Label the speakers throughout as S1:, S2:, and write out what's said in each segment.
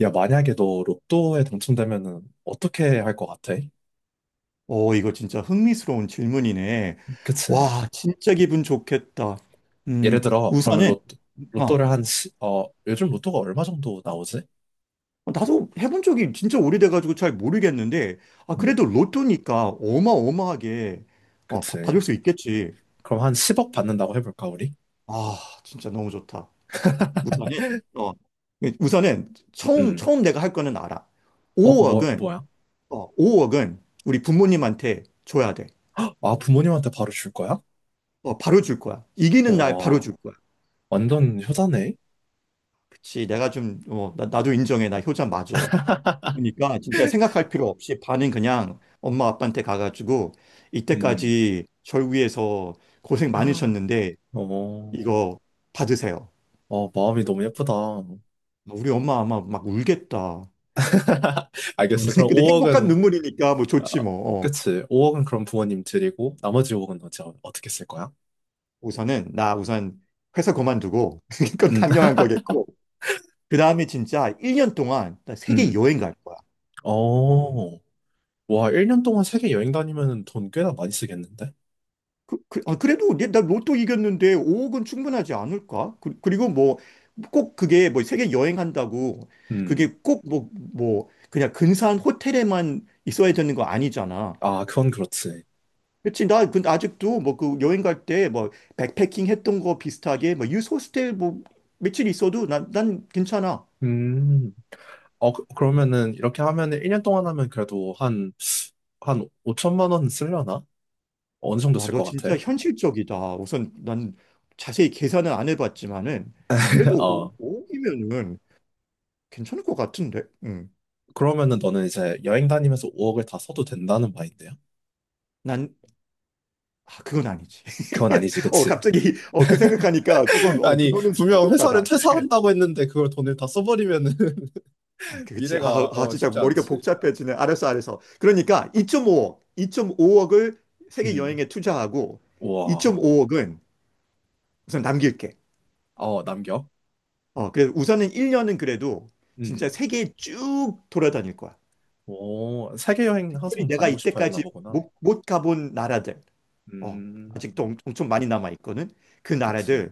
S1: 야, 만약에 너 로또에 당첨되면은 어떻게 할 것 같아?
S2: 이거 진짜 흥미스러운 질문이네.
S1: 그치?
S2: 와, 진짜 기분 좋겠다.
S1: 예를 들어, 그러면
S2: 우선은, 아,
S1: 로또를 요즘 로또가 얼마 정도 나오지?
S2: 나도 해본 적이 진짜 오래돼가지고 잘 모르겠는데, 아, 그래도
S1: 음,
S2: 로또니까 어마어마하게, 받을
S1: 그치.
S2: 수 있겠지.
S1: 그럼 한 10억 받는다고 해볼까, 우리?
S2: 아, 진짜 너무 좋다. 우선은, 어, 우선은 처음,
S1: 음,
S2: 처음 내가 할 거는 알아.
S1: 어,
S2: 5억은,
S1: 뭐야?
S2: 5억은 우리 부모님한테 줘야 돼.
S1: 아, 부모님한테 바로 줄 거야?
S2: 바로 줄 거야. 이기는 날 바로
S1: 와,
S2: 줄 거야.
S1: 완전 효자네?
S2: 그치, 내가 좀, 나도 인정해. 나 효자 맞아. 그러니까 진짜 생각할 필요 없이 반은 그냥 엄마 아빠한테 가가지고
S1: 음,
S2: 이때까지 절 위해서 고생 많으셨는데
S1: 어,
S2: 이거 받으세요.
S1: 어, 마음이 너무 예쁘다.
S2: 우리 엄마 아마 막 울겠다.
S1: 알겠어. 그럼
S2: 근데 행복한
S1: 5억은,
S2: 눈물이니까 뭐 좋지 뭐. 어.
S1: 그치. 5억은 그럼 부모님 드리고, 나머지 5억은 어떻게 쓸 거야?
S2: 우선은 나 우선 회사 그만두고 그건
S1: 음,
S2: 당연한 거겠고 그 다음에 진짜 1년 동안 나 세계
S1: 음.
S2: 여행 갈 거야.
S1: 어. 와, 1년 동안 세계 여행 다니면 돈 꽤나 많이 쓰겠는데?
S2: 아, 그래도 나 로또 이겼는데 5억은 충분하지 않을까? 그, 리고 뭐 꼭 그게 뭐 세계 여행한다고
S1: 음.
S2: 그게 꼭 뭐 그냥 근사한 호텔에만 있어야 되는 거 아니잖아.
S1: 아, 그건 그렇지.
S2: 그치? 나 근데 아직도 뭐 그 여행 갈 때 뭐 백패킹 했던 거 비슷하게 뭐 유스호스텔 뭐 며칠 있어도 난 괜찮아.
S1: 음. 러면은 이렇게 하면은 1년 동안 하면 그래도 한 5천만 원 쓰려나? 어느 정도
S2: 와,
S1: 쓸
S2: 너
S1: 것
S2: 진짜
S1: 같아?
S2: 현실적이다. 우선 난 자세히 계산은 안 해봤지만은 그래도
S1: 어.
S2: 5억이면은 괜찮을 것 같은데. 음.
S1: 그러면은 너는 이제 여행 다니면서 5억을 다 써도 된다는 말인데요?
S2: 아, 그건 아니지.
S1: 그건 아니지, 그치?
S2: 갑자기 그 생각하니까 조금
S1: 아니,
S2: 그거는 좀
S1: 분명 회사를
S2: 부족하다. 그래, 그래.
S1: 퇴사한다고 했는데 그걸 돈을 다 써버리면은
S2: 아, 그렇지.
S1: 미래가
S2: 진짜
S1: 쉽지
S2: 머리가
S1: 않지.
S2: 복잡해지네. 알았어, 알았어. 그러니까 2.5억, 2.5억을 세계
S1: 음.
S2: 여행에 투자하고
S1: 와.
S2: 2.5억은 우선 남길게.
S1: 어, 남겨?
S2: 그래서 우선은 1년은 그래도
S1: 음.
S2: 진짜 세계 쭉 돌아다닐 거야.
S1: 오, 세계 여행
S2: 특별히
S1: 항상
S2: 내가
S1: 다니고 싶어 했나
S2: 이때까지
S1: 보구나.
S2: 못 가본 나라들. 어,
S1: 음,
S2: 아직도 엄청 많이 남아 있거든. 그
S1: 그치.
S2: 나라들.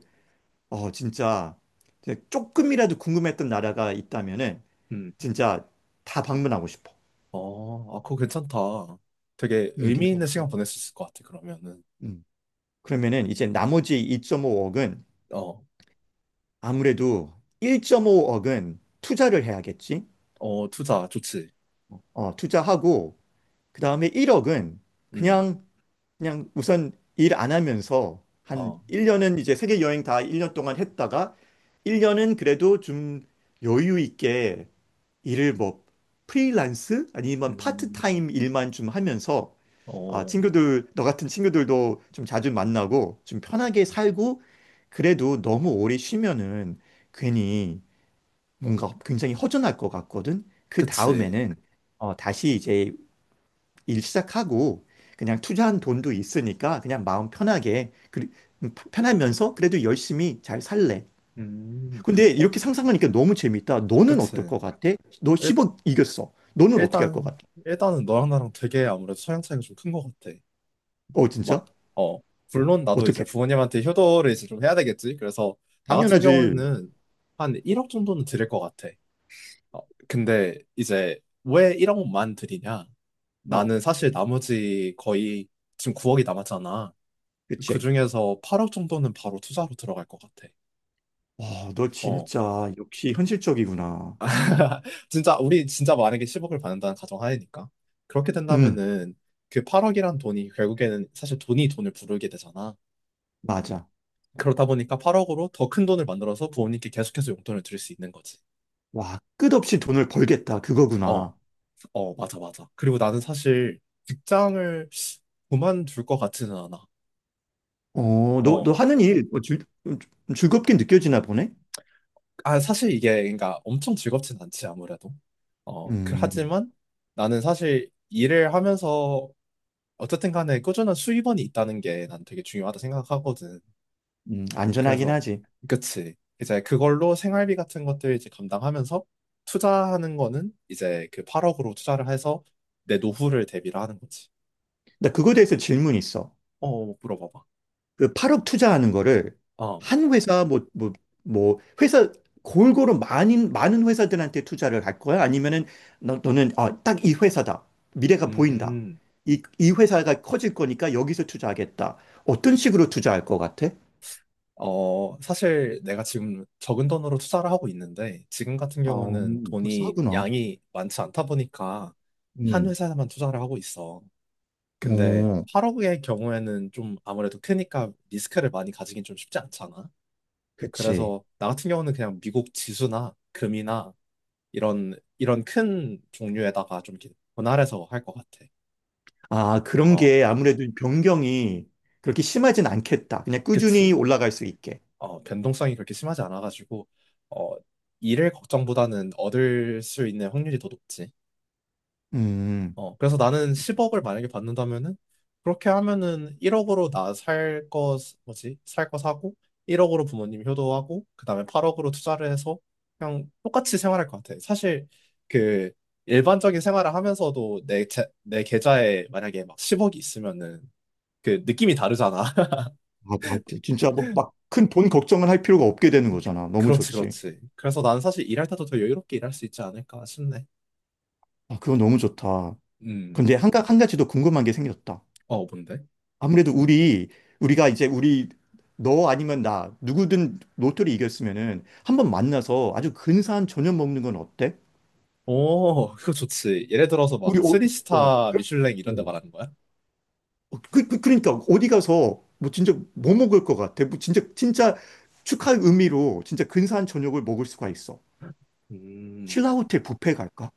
S2: 진짜 이제 조금이라도 궁금했던 나라가 있다면은
S1: 음,
S2: 진짜 다 방문하고 싶어.
S1: 어, 아, 그거 괜찮다. 되게 의미 있는 시간
S2: 괜찮지.
S1: 보낼 수 있을 것 같아, 그러면은.
S2: 음. 그러면은 이제 나머지 2.5억은
S1: 어,
S2: 아무래도 1.5억은 투자를 해야겠지.
S1: 어, 투자 좋지.
S2: 투자하고 그다음에 1억은
S1: 음,
S2: 그냥 그냥 우선 일 안 하면서 한
S1: 어,
S2: 1년은 이제 세계 여행 다 1년 동안 했다가 1년은 그래도 좀 여유 있게 일을 뭐 프리랜스 아니면
S1: 음,
S2: 파트타임 일만 좀 하면서 아,
S1: 어,
S2: 친구들, 너 같은 친구들도 좀 자주 만나고 좀 편하게 살고 그래도 너무 오래 쉬면은 괜히 뭔가 굉장히 허전할 것 같거든. 그
S1: 그치.
S2: 다음에는 다시 이제 일 시작하고 그냥 투자한 돈도 있으니까 그냥 마음 편하게 편하면서 그래도 열심히 잘 살래.
S1: 음,
S2: 근데
S1: 어,
S2: 이렇게 상상하니까 너무 재밌다. 너는 어떨
S1: 그치.
S2: 것 같아? 너1
S1: 일,
S2: 억 이겼어. 너는 어떻게 할 것 같아?
S1: 일단, 일단은 너랑 나랑 되게 아무래도 성향 차이가 좀 큰 것 같아.
S2: 어,
S1: 마-
S2: 진짜?
S1: 어, 물론 나도 이제
S2: 어떻게?
S1: 부모님한테 효도를 이제 좀 해야 되겠지. 그래서 나 같은
S2: 당연하지.
S1: 경우는 한 1억 정도는 드릴 것 같아. 어, 근데 이제 왜 1억만 드리냐?
S2: 어,
S1: 나는 사실 나머지 거의 지금 9억이 남았잖아. 그
S2: 그치.
S1: 중에서 8억 정도는 바로 투자로 들어갈 것 같아.
S2: 와, 너
S1: 어,
S2: 진짜 역시 현실적이구나.
S1: 진짜 우리 진짜 만약에 10억을 받는다는 가정하에니까 그렇게
S2: 응,
S1: 된다면은 그 8억이란 돈이 결국에는 사실 돈이 돈을 부르게 되잖아.
S2: 맞아.
S1: 그러다 보니까 8억으로 더 큰 돈을 만들어서 부모님께 계속해서 용돈을 드릴 수 있는 거지.
S2: 와, 끝없이 돈을 벌겠다.
S1: 어,
S2: 그거구나.
S1: 어, 맞아, 맞아. 그리고 나는 사실 직장을 그만둘 것 같지는 않아.
S2: 너,
S1: 어,
S2: 너 하는 일 좀 즐겁게 느껴지나 보네?
S1: 아, 사실 이게, 그러니까 엄청 즐겁진 않지, 아무래도.
S2: 음,
S1: 하지만 나는 사실 일을 하면서 어쨌든 간에 꾸준한 수입원이 있다는 게 난 되게 중요하다 생각하거든.
S2: 안전하긴
S1: 그래서
S2: 하지.
S1: 그치 이제 그걸로 생활비 같은 것들 이제 감당하면서 투자하는 거는 이제 그 8억으로 투자를 해서 내 노후를 대비를 하는 거지.
S2: 나 그거에 대해서 질문 있어.
S1: 어, 물어봐봐.
S2: 그 8억 투자하는 거를
S1: 어,
S2: 한 회사 뭐 회사 골고루 많은 회사들한테 투자를 할 거야? 아니면은 너는 아, 딱 이 회사다. 미래가 보인다.
S1: 음,
S2: 이 회사가 커질 거니까 여기서 투자하겠다. 어떤 식으로 투자할 것 같아?
S1: 사실 내가 지금 적은 돈으로 투자를 하고 있는데 지금 같은
S2: 아,
S1: 경우는
S2: 벌써
S1: 돈이
S2: 하구나.
S1: 양이 많지 않다 보니까 한
S2: 음.
S1: 회사에만 투자를 하고 있어. 근데
S2: 어,
S1: 8억의 경우에는 좀 아무래도 크니까 리스크를 많이 가지긴 좀 쉽지 않잖아.
S2: 그치.
S1: 그래서 나 같은 경우는 그냥 미국 지수나 금이나 이런 이런 큰 종류에다가 좀 이렇게 분할해서 할 것 같아.
S2: 아, 그런
S1: 어,
S2: 게 아무래도 변경이 그렇게 심하진 않겠다. 그냥 꾸준히
S1: 그치.
S2: 올라갈 수 있게.
S1: 변동성이 그렇게 심하지 않아가지고 어, 잃을 걱정보다는 얻을 수 있는 확률이 더 높지.
S2: 음.
S1: 그래서 나는 10억을 만약에 받는다면은, 그렇게 하면은 1억으로 나 살 거, 뭐지? 살 거 사고, 1억으로 부모님 효도하고, 그 다음에 8억으로 투자를 해서, 그냥 똑같이 생활할 것 같아. 사실, 그, 일반적인 생활을 하면서도 내, 제, 내 계좌에 만약에 막 10억이 있으면은, 그 느낌이 다르잖아.
S2: 아, 다 진짜 뭐 막 큰 돈 걱정을 할 필요가 없게 되는 거잖아. 너무
S1: 그렇지,
S2: 좋지.
S1: 그렇지. 그래서 나는 사실 일할 때도 더 여유롭게 일할 수 있지 않을까 싶네.
S2: 아, 그건 너무 좋다.
S1: 음,
S2: 근데 한 가지 더 궁금한 게 생겼다.
S1: 뭔데?
S2: 아무래도 우리가 이제 우리 너 아니면 나 누구든 로또를 이겼으면은 한번 만나서 아주 근사한 저녁 먹는 건 어때?
S1: 오, 그거 좋지. 예를 들어서 막
S2: 우리 어,
S1: 3스타
S2: 그래?
S1: 미슐랭
S2: 어,
S1: 이런 데 말하는 거야?
S2: 그러니까 어디 가서 뭐 진짜 뭐 먹을 것 같아? 뭐 진짜 진짜 축하 의미로 진짜 근사한 저녁을 먹을 수가 있어.
S1: 음,
S2: 신라호텔 뷔페 갈까?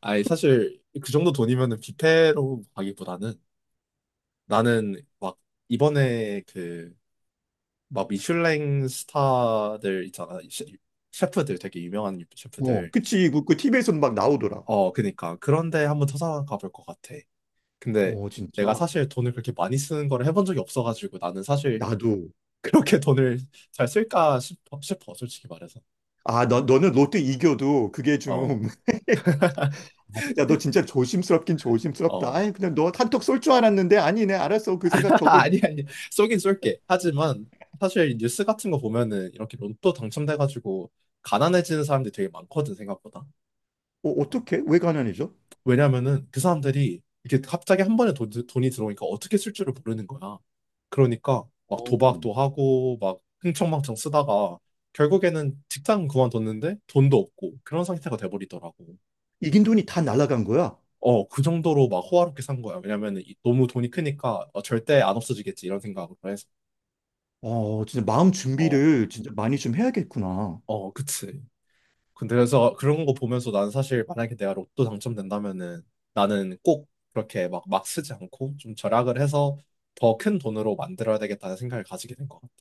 S1: 아니, 사실, 그 정도 돈이면은 뷔페로 가기보다는 나는 막, 이번에 막 미슐랭 스타들 있잖아. 셰프들, 되게 유명한 셰프들.
S2: 그치. 그 TV에서는 막 나오더라.
S1: 어, 그니까. 그런데 한번 찾아가 볼 것 같아. 근데
S2: 어, 진짜.
S1: 내가 사실 돈을 그렇게 많이 쓰는 걸 해본 적이 없어가지고 나는 사실
S2: 나도.
S1: 그렇게 돈을 잘 쓸까 싶어, 솔직히 말해서.
S2: 아, 너는 롯데 이겨도 그게
S1: 어,
S2: 좀, 아, 진짜 너 진짜 조심스럽긴 조심스럽다.
S1: 어.
S2: 아이, 그냥 너 한턱 쏠 줄 알았는데 아니네. 알았어. 그 생각
S1: 아,
S2: 접을게.
S1: 아니, 아니. 쏘긴 쏠게. 하지만 사실 뉴스 같은 거 보면은 이렇게 로또 당첨돼가지고 가난해지는 사람들이 되게 많거든, 생각보다.
S2: 어떡해? 왜 가난해져?
S1: 왜냐면은 그 사람들이 이렇게 갑자기 한 번에 돈이 들어오니까 어떻게 쓸 줄을 모르는 거야. 그러니까 막
S2: 어.
S1: 도박도 하고 막 흥청망청 쓰다가 결국에는 직장 그만뒀는데 돈도 없고 그런 상태가 돼버리더라고.
S2: 이긴 돈이 다 날아간 거야.
S1: 어, 그 정도로 막 호화롭게 산 거야. 왜냐면은 너무 돈이 크니까 절대 안 없어지겠지 이런 생각으로 해서.
S2: 진짜 마음
S1: 어,
S2: 준비를 진짜 많이 좀 해야겠구나.
S1: 어, 그치. 근데 그래서 그런 거 보면서 난 사실 만약에 내가 로또 당첨된다면은 나는 꼭 그렇게 막 쓰지 않고 좀 절약을 해서 더 큰 돈으로 만들어야 되겠다는 생각을 가지게 된 것 같아.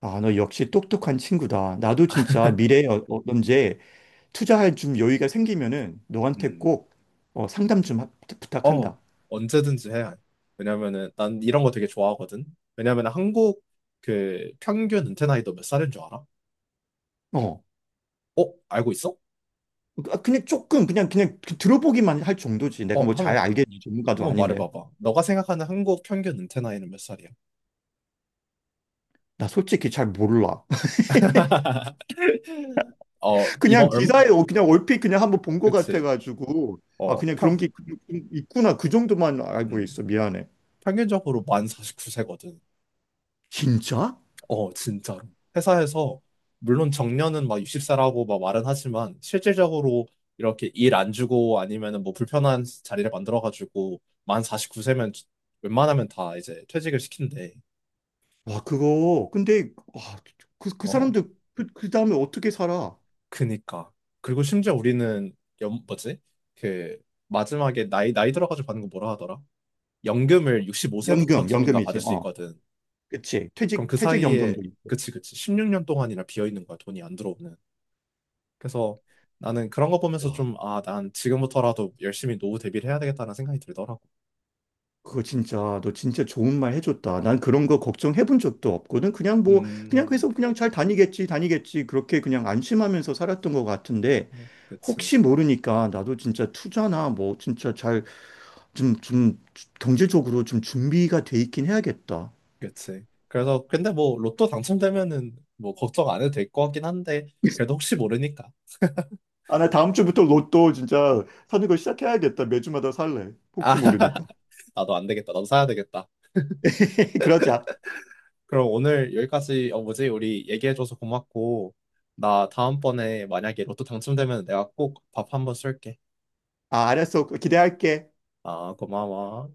S2: 아, 너 역시 똑똑한 친구다. 나도 진짜 미래에 언제 투자할 좀 여유가 생기면은 너한테
S1: 음.
S2: 꼭 어, 상담 좀 하-
S1: 어,
S2: 부탁한다.
S1: 언제든지 해야 해. 왜냐면은 난 이런 거 되게 좋아하거든. 왜냐면 한국 그 평균 은퇴 나이도 몇 살인 줄 알아?
S2: 어.
S1: 어, 알고 있어?
S2: 아, 그냥 조금 그냥 그 들어보기만 할 정도지. 내가
S1: 어,
S2: 뭐 잘
S1: 한번
S2: 알겠니? 전문가도
S1: 한번
S2: 아닌데.
S1: 말해봐봐. 너가 생각하는 한국 평균 은퇴 나이는 몇 살이야?
S2: 나 솔직히 잘 몰라.
S1: 이번
S2: 그냥
S1: 얼마?
S2: 기사에 그냥 얼핏 그냥 한번 본 것
S1: 그치?
S2: 같아가지고 아,
S1: 어,
S2: 그냥 그런
S1: 평.
S2: 게 있구나. 그 정도만 알고
S1: 음.
S2: 있어. 미안해.
S1: 평균적으로 만 49세거든.
S2: 진짜?
S1: 어, 진짜로. 회사에서, 물론 정년은 막 60세라고 막 말은 하지만, 실질적으로 이렇게 일 안 주고 아니면은 뭐 불편한 자리를 만들어가지고, 만 49세면 웬만하면 다 이제 퇴직을 시킨대.
S2: 와. 그거 근데 와, 그
S1: 어,
S2: 사람들 그 다음에 어떻게 살아?
S1: 그니까. 그리고 심지어 우리는, 뭐지? 그, 마지막에 나이 들어가지고 받는 거 뭐라 하더라? 연금을
S2: 연금
S1: 65세부터쯤인가 받을
S2: 연금이지.
S1: 수
S2: 어.
S1: 있거든.
S2: 그치.
S1: 그럼
S2: 퇴직
S1: 그
S2: 퇴직
S1: 사이에,
S2: 연금도 있고.
S1: 그치, 그치. 16년 동안이나 비어 있는 거야, 돈이 안 들어오는. 그래서 나는 그런 거 보면서
S2: 와.
S1: 좀, 아, 난 지금부터라도 열심히 노후 대비를 해야 되겠다는 생각이 들더라고.
S2: 그거 진짜 너 진짜 좋은 말 해줬다. 난 그런 거 걱정해 본 적도 없거든. 그냥 뭐 그냥
S1: 음,
S2: 계속 그냥 잘 다니겠지 다니겠지 그렇게 그냥 안심하면서 살았던 것 같은데
S1: 네. 그치,
S2: 혹시 모르니까 나도 진짜 투자나 뭐 진짜 잘 좀 경제적으로 좀 준비가 돼 있긴 해야겠다.
S1: 그치. 그래서, 근데 뭐, 로또 당첨되면은 뭐, 걱정 안 해도 될 것 같긴 한데, 그래도 혹시 모르니까.
S2: 아, 나 다음 주부터 로또 진짜 사는 거 시작해야겠다. 매주마다 살래.
S1: 아,
S2: 혹시 모르니까.
S1: 나도 안 되겠다. 나도 사야 되겠다.
S2: 그러자.
S1: 그럼 오늘 여기까지, 뭐지? 우리 얘기해줘서 고맙고, 나 다음번에 만약에 로또 당첨되면 내가 꼭 밥 한번 쏠게.
S2: 아, 알았어. 기대할게.
S1: 아, 고마워.